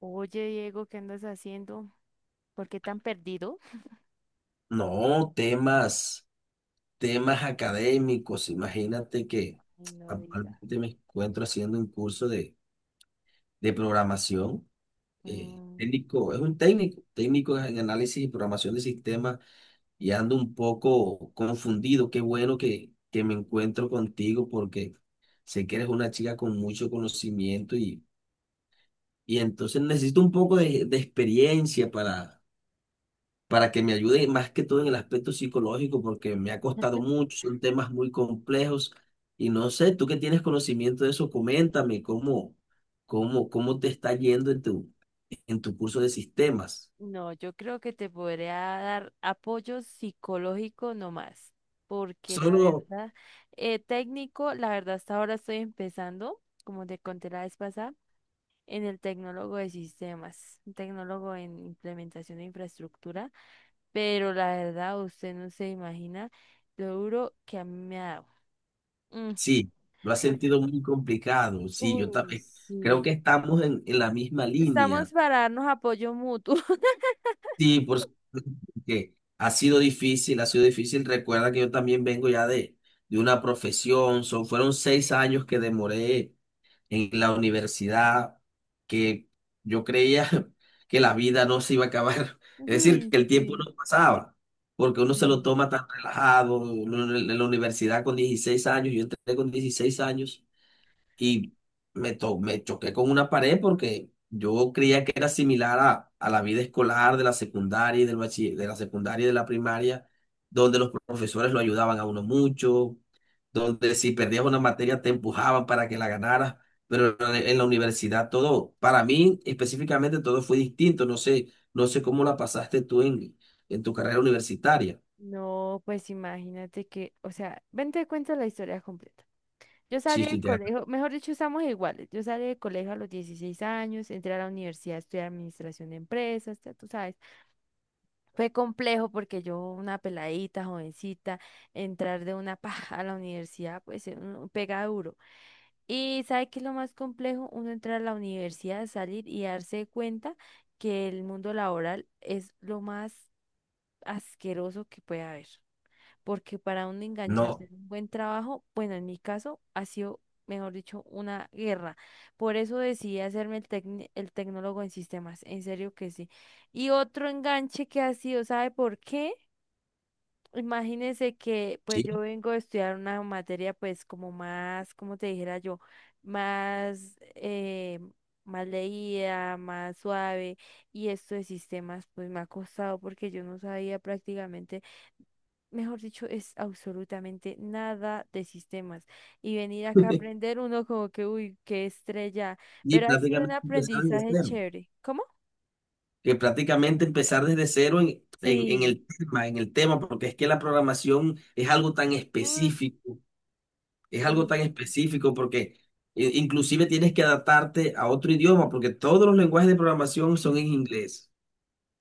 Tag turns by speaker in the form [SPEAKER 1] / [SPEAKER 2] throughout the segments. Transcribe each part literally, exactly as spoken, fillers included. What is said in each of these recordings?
[SPEAKER 1] Oye, Diego, ¿qué andas haciendo? ¿Por qué tan perdido?
[SPEAKER 2] No, temas, temas académicos. Imagínate que
[SPEAKER 1] Ay, no diga.
[SPEAKER 2] actualmente me encuentro haciendo un curso de, de programación. Eh,
[SPEAKER 1] Mm,
[SPEAKER 2] técnico, es un técnico, técnico en análisis y programación de sistemas, y ando un poco confundido. Qué bueno que, que me encuentro contigo porque sé que eres una chica con mucho conocimiento y, y entonces necesito un poco de, de experiencia para para que me ayude más que todo en el aspecto psicológico, porque me ha costado mucho, son temas muy complejos y no sé, tú que tienes conocimiento de eso, coméntame cómo, cómo, cómo te está yendo en tu, en tu curso de sistemas.
[SPEAKER 1] no, yo creo que te podría dar apoyo psicológico nomás, porque la
[SPEAKER 2] Solo,
[SPEAKER 1] verdad, eh, técnico, la verdad hasta ahora estoy empezando, como te conté la vez pasada, en el tecnólogo de sistemas, un tecnólogo en implementación de infraestructura, pero la verdad usted no se imagina lo duro que a mí me ha dado. Mm.
[SPEAKER 2] sí, lo has
[SPEAKER 1] por-
[SPEAKER 2] sentido muy complicado, sí, yo
[SPEAKER 1] Uy,
[SPEAKER 2] también creo que
[SPEAKER 1] sí.
[SPEAKER 2] estamos en, en la misma
[SPEAKER 1] Estamos
[SPEAKER 2] línea.
[SPEAKER 1] para darnos apoyo mutuo.
[SPEAKER 2] Sí, por supuesto que ha sido difícil, ha sido difícil. Recuerda que yo también vengo ya de, de una profesión, son, fueron seis años que demoré en la universidad, que yo creía que la vida no se iba a acabar, es decir,
[SPEAKER 1] Uy,
[SPEAKER 2] que el tiempo
[SPEAKER 1] sí,
[SPEAKER 2] no pasaba, porque uno se lo
[SPEAKER 1] sí.
[SPEAKER 2] toma tan relajado, uno en en la universidad con dieciséis años, yo entré con dieciséis años y me, to- me choqué con una pared porque yo creía que era similar a, a la vida escolar de la secundaria y del bachi- de la secundaria y de la primaria, donde los profesores lo ayudaban a uno mucho, donde si perdías una materia te empujaban para que la ganaras, pero en la en la universidad todo, para mí específicamente todo fue distinto, no sé, no sé cómo la pasaste tú en, en tu carrera universitaria.
[SPEAKER 1] No, pues imagínate que, o sea, ven te cuento la historia completa. Yo
[SPEAKER 2] Sí,
[SPEAKER 1] salí del
[SPEAKER 2] sí, te-
[SPEAKER 1] colegio, mejor dicho, estamos iguales. Yo salí del colegio a los dieciséis años, entré a la universidad a estudiar administración de empresas, ya tú sabes. Fue complejo porque yo, una peladita, jovencita, entrar de una paja a la universidad, pues eh, uno pega duro. Y sabe que es lo más complejo, uno entrar a la universidad, salir y darse cuenta que el mundo laboral es lo más asqueroso que puede haber. Porque para uno engancharse
[SPEAKER 2] no,
[SPEAKER 1] en un buen trabajo, bueno, en mi caso ha sido, mejor dicho, una guerra. Por eso decidí hacerme el, tecni- el tecnólogo en sistemas, en serio que sí. Y otro enganche que ha sido, ¿sabe por qué? Imagínense que pues yo
[SPEAKER 2] sí.
[SPEAKER 1] vengo a estudiar una materia pues como más, como te dijera yo, más, eh, más leída, más suave y esto de sistemas pues me ha costado porque yo no sabía prácticamente, mejor dicho, es absolutamente nada de sistemas y venir acá a aprender uno como que, uy, qué estrella,
[SPEAKER 2] Y
[SPEAKER 1] pero ha sido un
[SPEAKER 2] prácticamente empezaron de
[SPEAKER 1] aprendizaje
[SPEAKER 2] cero.
[SPEAKER 1] chévere. ¿Cómo?
[SPEAKER 2] Que prácticamente empezar desde cero en, en, en
[SPEAKER 1] Sí.
[SPEAKER 2] el tema, en el tema, porque es que la programación es algo tan específico, es algo
[SPEAKER 1] Mm.
[SPEAKER 2] tan específico porque eh, inclusive tienes que adaptarte a otro idioma, porque todos los lenguajes de programación son en inglés.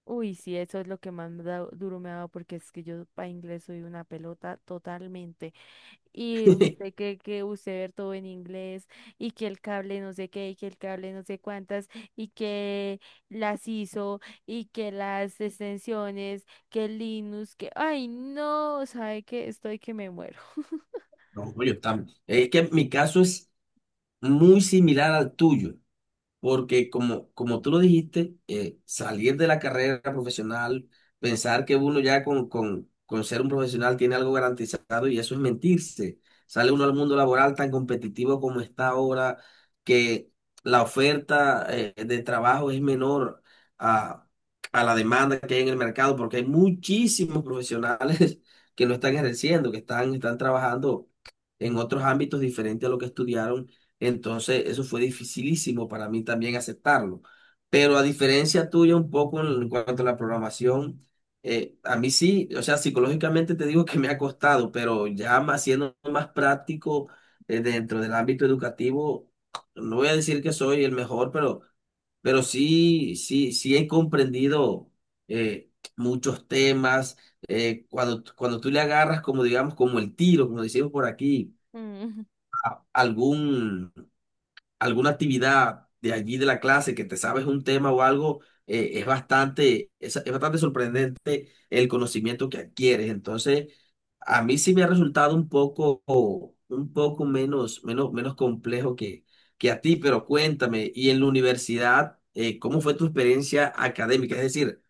[SPEAKER 1] Uy, sí, eso es lo que más me da- duro me ha dado porque es que yo para inglés soy una pelota totalmente. Y usted cree que usted ver todo en inglés y que el cable no sé qué y que el cable no sé cuántas y que las hizo y que las extensiones, que Linux, que. Ay, no, sabe que estoy que me muero.
[SPEAKER 2] No, yo tam- es que mi caso es muy similar al tuyo. Porque como, como tú lo dijiste, eh, salir de la carrera profesional, pensar que uno ya con, con, con ser un profesional tiene algo garantizado, y eso es mentirse. Sale uno al mundo laboral tan competitivo como está ahora, que la oferta eh, de trabajo es menor a, a la demanda que hay en el mercado, porque hay muchísimos profesionales que no están ejerciendo, que están, están trabajando en otros ámbitos diferentes a lo que estudiaron. Entonces, eso fue dificilísimo para mí también aceptarlo. Pero a diferencia tuya un poco en en cuanto a la programación, eh, a mí sí, o sea, psicológicamente te digo que me ha costado, pero ya más siendo más práctico eh, dentro del ámbito educativo, no voy a decir que soy el mejor, pero, pero sí, sí, sí he comprendido eh, muchos temas. Eh, cuando, cuando tú le agarras como, digamos, como el tiro, como decimos por aquí, a- algún alguna actividad de allí de la clase que te sabes un tema o algo, eh, es bastante, es, es bastante sorprendente el conocimiento que adquieres. Entonces, a mí sí me ha resultado un poco, un poco menos, menos, menos complejo que, que a ti, pero cuéntame, y en la universidad, eh, ¿cómo fue tu experiencia académica? Es decir,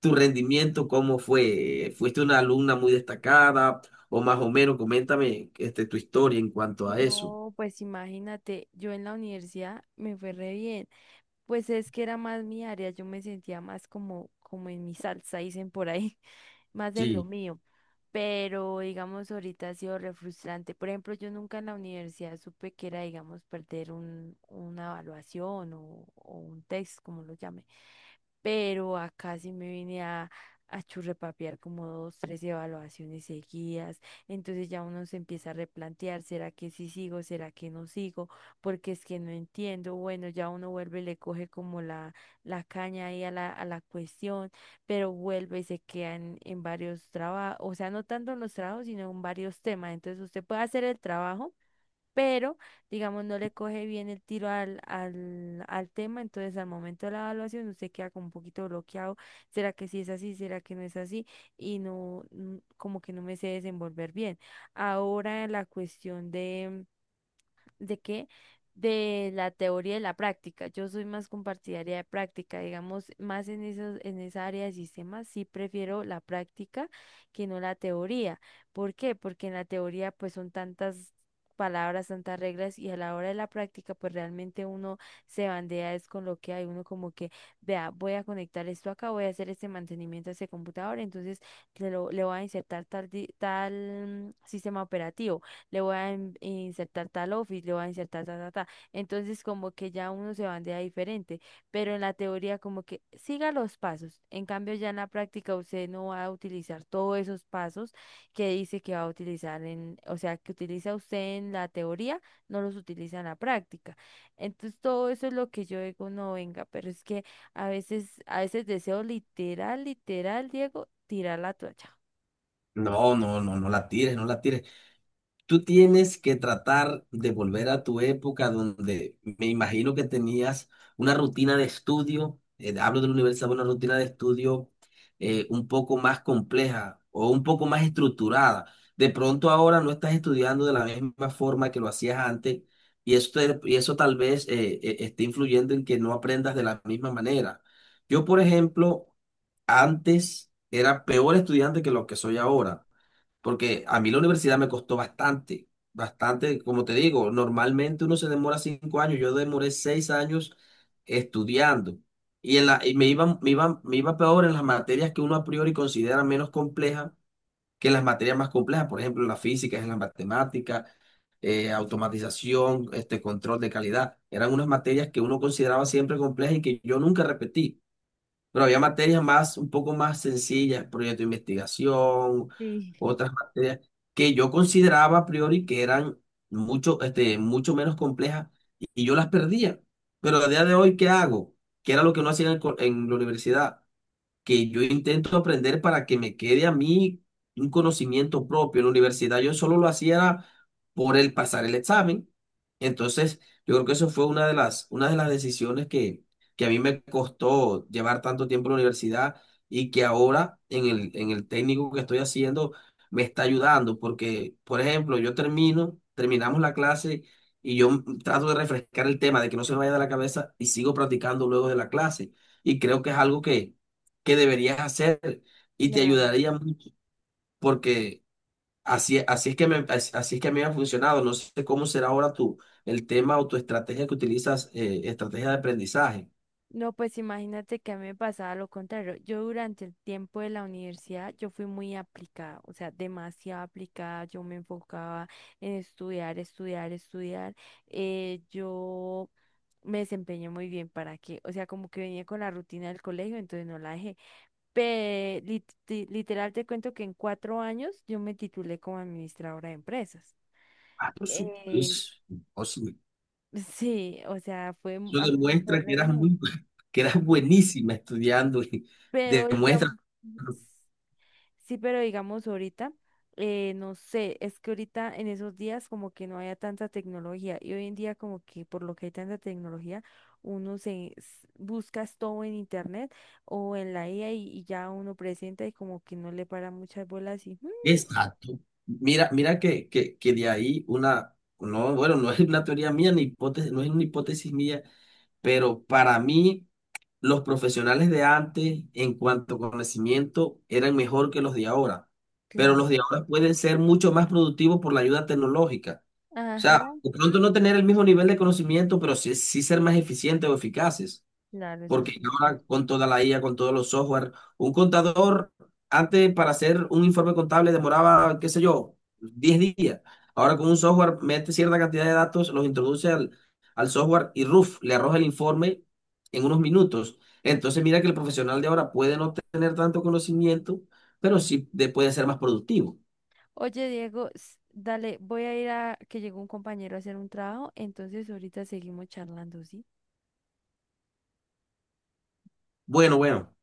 [SPEAKER 2] tu rendimiento, ¿cómo fue? ¿Fuiste una alumna muy destacada? O más o menos, coméntame este, tu historia en cuanto a eso.
[SPEAKER 1] No, pues imagínate, yo en la universidad me fue re bien. Pues es que era más mi área, yo me sentía más como, como en mi salsa, dicen por ahí, más en lo
[SPEAKER 2] Sí.
[SPEAKER 1] mío. Pero digamos, ahorita ha sido re frustrante. Por ejemplo, yo nunca en la universidad supe que era, digamos, perder un, una evaluación o, o un test, como lo llame. Pero acá sí me vine a, a churrepapear como dos, tres evaluaciones seguidas. Entonces ya uno se empieza a replantear, ¿será que sí sigo? ¿Será que no sigo? Porque es que no entiendo. Bueno, ya uno vuelve y le coge como la, la caña ahí a la, a la cuestión, pero vuelve y se queda en, en varios trabajos, o sea, no tanto en los trabajos, sino en varios temas. Entonces usted puede hacer el trabajo, pero digamos no le coge bien el tiro al, al, al tema. Entonces al momento de la evaluación usted queda como un poquito bloqueado, ¿será que sí es así? ¿Será que no es así? Y no, mm, como que no me sé desenvolver bien. Ahora la cuestión de. ¿De qué? De la teoría y la práctica. Yo soy más compartidaria de práctica, digamos, más en esos, en esa área de sistemas. Sí prefiero la práctica que no la teoría. ¿Por qué? Porque en la teoría pues son tantas palabras, tantas reglas, y a la hora de la práctica pues realmente uno se bandea es con lo que hay. Uno como que, vea, voy a conectar esto acá, voy a hacer este mantenimiento a este computador, entonces le, lo- le voy a insertar tal, di- tal mm, sistema operativo, le voy a in- insertar tal office, le voy a insertar ta, ta, ta. Entonces, como que ya uno se bandea diferente, pero en la teoría como que siga los pasos. En cambio, ya en la práctica usted no va a utilizar todos esos pasos que dice que va a utilizar en, o sea, que utiliza usted en la teoría, no los utiliza en la práctica. Entonces, todo eso es lo que yo digo, no venga, pero es que a veces, a veces deseo, literal, literal, Diego, tirar la toalla.
[SPEAKER 2] No, no, no, no la tires, no la tires. Tú tienes que tratar de volver a tu época donde me imagino que tenías una rutina de estudio, eh, hablo de la universidad, una rutina de estudio eh, un poco más compleja o un poco más estructurada. De pronto ahora no estás estudiando de la misma forma que lo hacías antes, y esto er, y eso tal vez eh, eh, esté influyendo en que no aprendas de la misma manera. Yo, por ejemplo, antes era peor estudiante que lo que soy ahora. Porque a mí la universidad me costó bastante, bastante, como te digo, normalmente uno se demora cinco años, yo demoré seis años estudiando. Y, en la, y me iba, me iba, me iba peor en las materias que uno a priori considera menos complejas que en las materias más complejas, por ejemplo, en la física, en la matemática, eh, automatización, este control de calidad. Eran unas materias que uno consideraba siempre complejas y que yo nunca repetí. Pero había materias más, un poco más sencillas, proyecto de investigación,
[SPEAKER 1] Sí.
[SPEAKER 2] otras materias que yo consideraba a priori que eran mucho, este, mucho menos complejas, y y yo las perdía. Pero a día de hoy, ¿qué hago? ¿Qué era lo que no hacía en, el co- en la universidad? Que yo intento aprender para que me quede a mí un conocimiento propio. En la universidad yo solo lo hacía era por el pasar el examen. Entonces, yo creo que eso fue una de las, una de las decisiones que, que a mí me costó llevar tanto tiempo en la universidad, y que ahora en el, en el técnico que estoy haciendo me está ayudando porque, por ejemplo, yo termino, terminamos la clase y yo mm, trato de refrescar el tema, de que no se me vaya de la cabeza, y sigo practicando luego de la clase. Y creo que es algo que que deberías hacer y te
[SPEAKER 1] Claro.
[SPEAKER 2] ayudaría mucho porque así, así es que me, as- así es que a mí me ha funcionado. No sé cómo será ahora tu, el tema o tu estrategia que utilizas, eh, estrategia de aprendizaje.
[SPEAKER 1] No, pues imagínate que a mí me pasaba lo contrario. Yo durante el tiempo de la universidad, yo fui muy aplicada, o sea, demasiado aplicada. Yo me enfocaba en estudiar, estudiar, estudiar. eh, yo me desempeñé muy bien, ¿para qué? O sea, como que venía con la rutina del colegio, entonces no la dejé. Pe- lit- ti- literal te cuento que en cuatro años yo me titulé como administradora de empresas.
[SPEAKER 2] Ah, por
[SPEAKER 1] Eh,
[SPEAKER 2] supuesto. O sea,
[SPEAKER 1] sí, o sea, fue,
[SPEAKER 2] eso
[SPEAKER 1] a mí me fue
[SPEAKER 2] demuestra que
[SPEAKER 1] re
[SPEAKER 2] eras
[SPEAKER 1] bien.
[SPEAKER 2] muy, que eras
[SPEAKER 1] Sí,
[SPEAKER 2] buenísima estudiando. Y
[SPEAKER 1] pero digamos.
[SPEAKER 2] demuestra.
[SPEAKER 1] Sí, pero digamos ahorita, eh, no sé, es que ahorita en esos días como que no haya tanta tecnología, y hoy en día como que por lo que hay tanta tecnología, uno se s- buscas todo en internet o en la I A y, y ya uno presenta y como que no le para muchas bolas y "Mm,
[SPEAKER 2] Exacto. Mira, mira que, que, que de ahí una, no, bueno, no es una teoría mía, ni hipótesis, no es una hipótesis mía, pero para mí los profesionales de antes, en cuanto a conocimiento, eran mejor que los de ahora, pero los
[SPEAKER 1] claro,
[SPEAKER 2] de ahora pueden ser mucho más productivos por la ayuda tecnológica. O sea,
[SPEAKER 1] ajá,
[SPEAKER 2] de pronto no tener el mismo nivel de conocimiento, pero sí, sí ser más eficientes o eficaces.
[SPEAKER 1] claro, eso
[SPEAKER 2] Porque
[SPEAKER 1] sí, pues".
[SPEAKER 2] ahora con toda la I A, con todos los software, un contador antes para hacer un informe contable demoraba, qué sé yo, diez días. Ahora con un software mete cierta cantidad de datos, los introduce al, al software y RUF le arroja el informe en unos minutos. Entonces mira que el profesional de ahora puede no tener tanto conocimiento, pero sí de- puede ser más productivo.
[SPEAKER 1] Oye, Diego, s- dale, voy a ir a que llegó un compañero a hacer un trabajo, entonces ahorita seguimos charlando, ¿sí?
[SPEAKER 2] Bueno, bueno,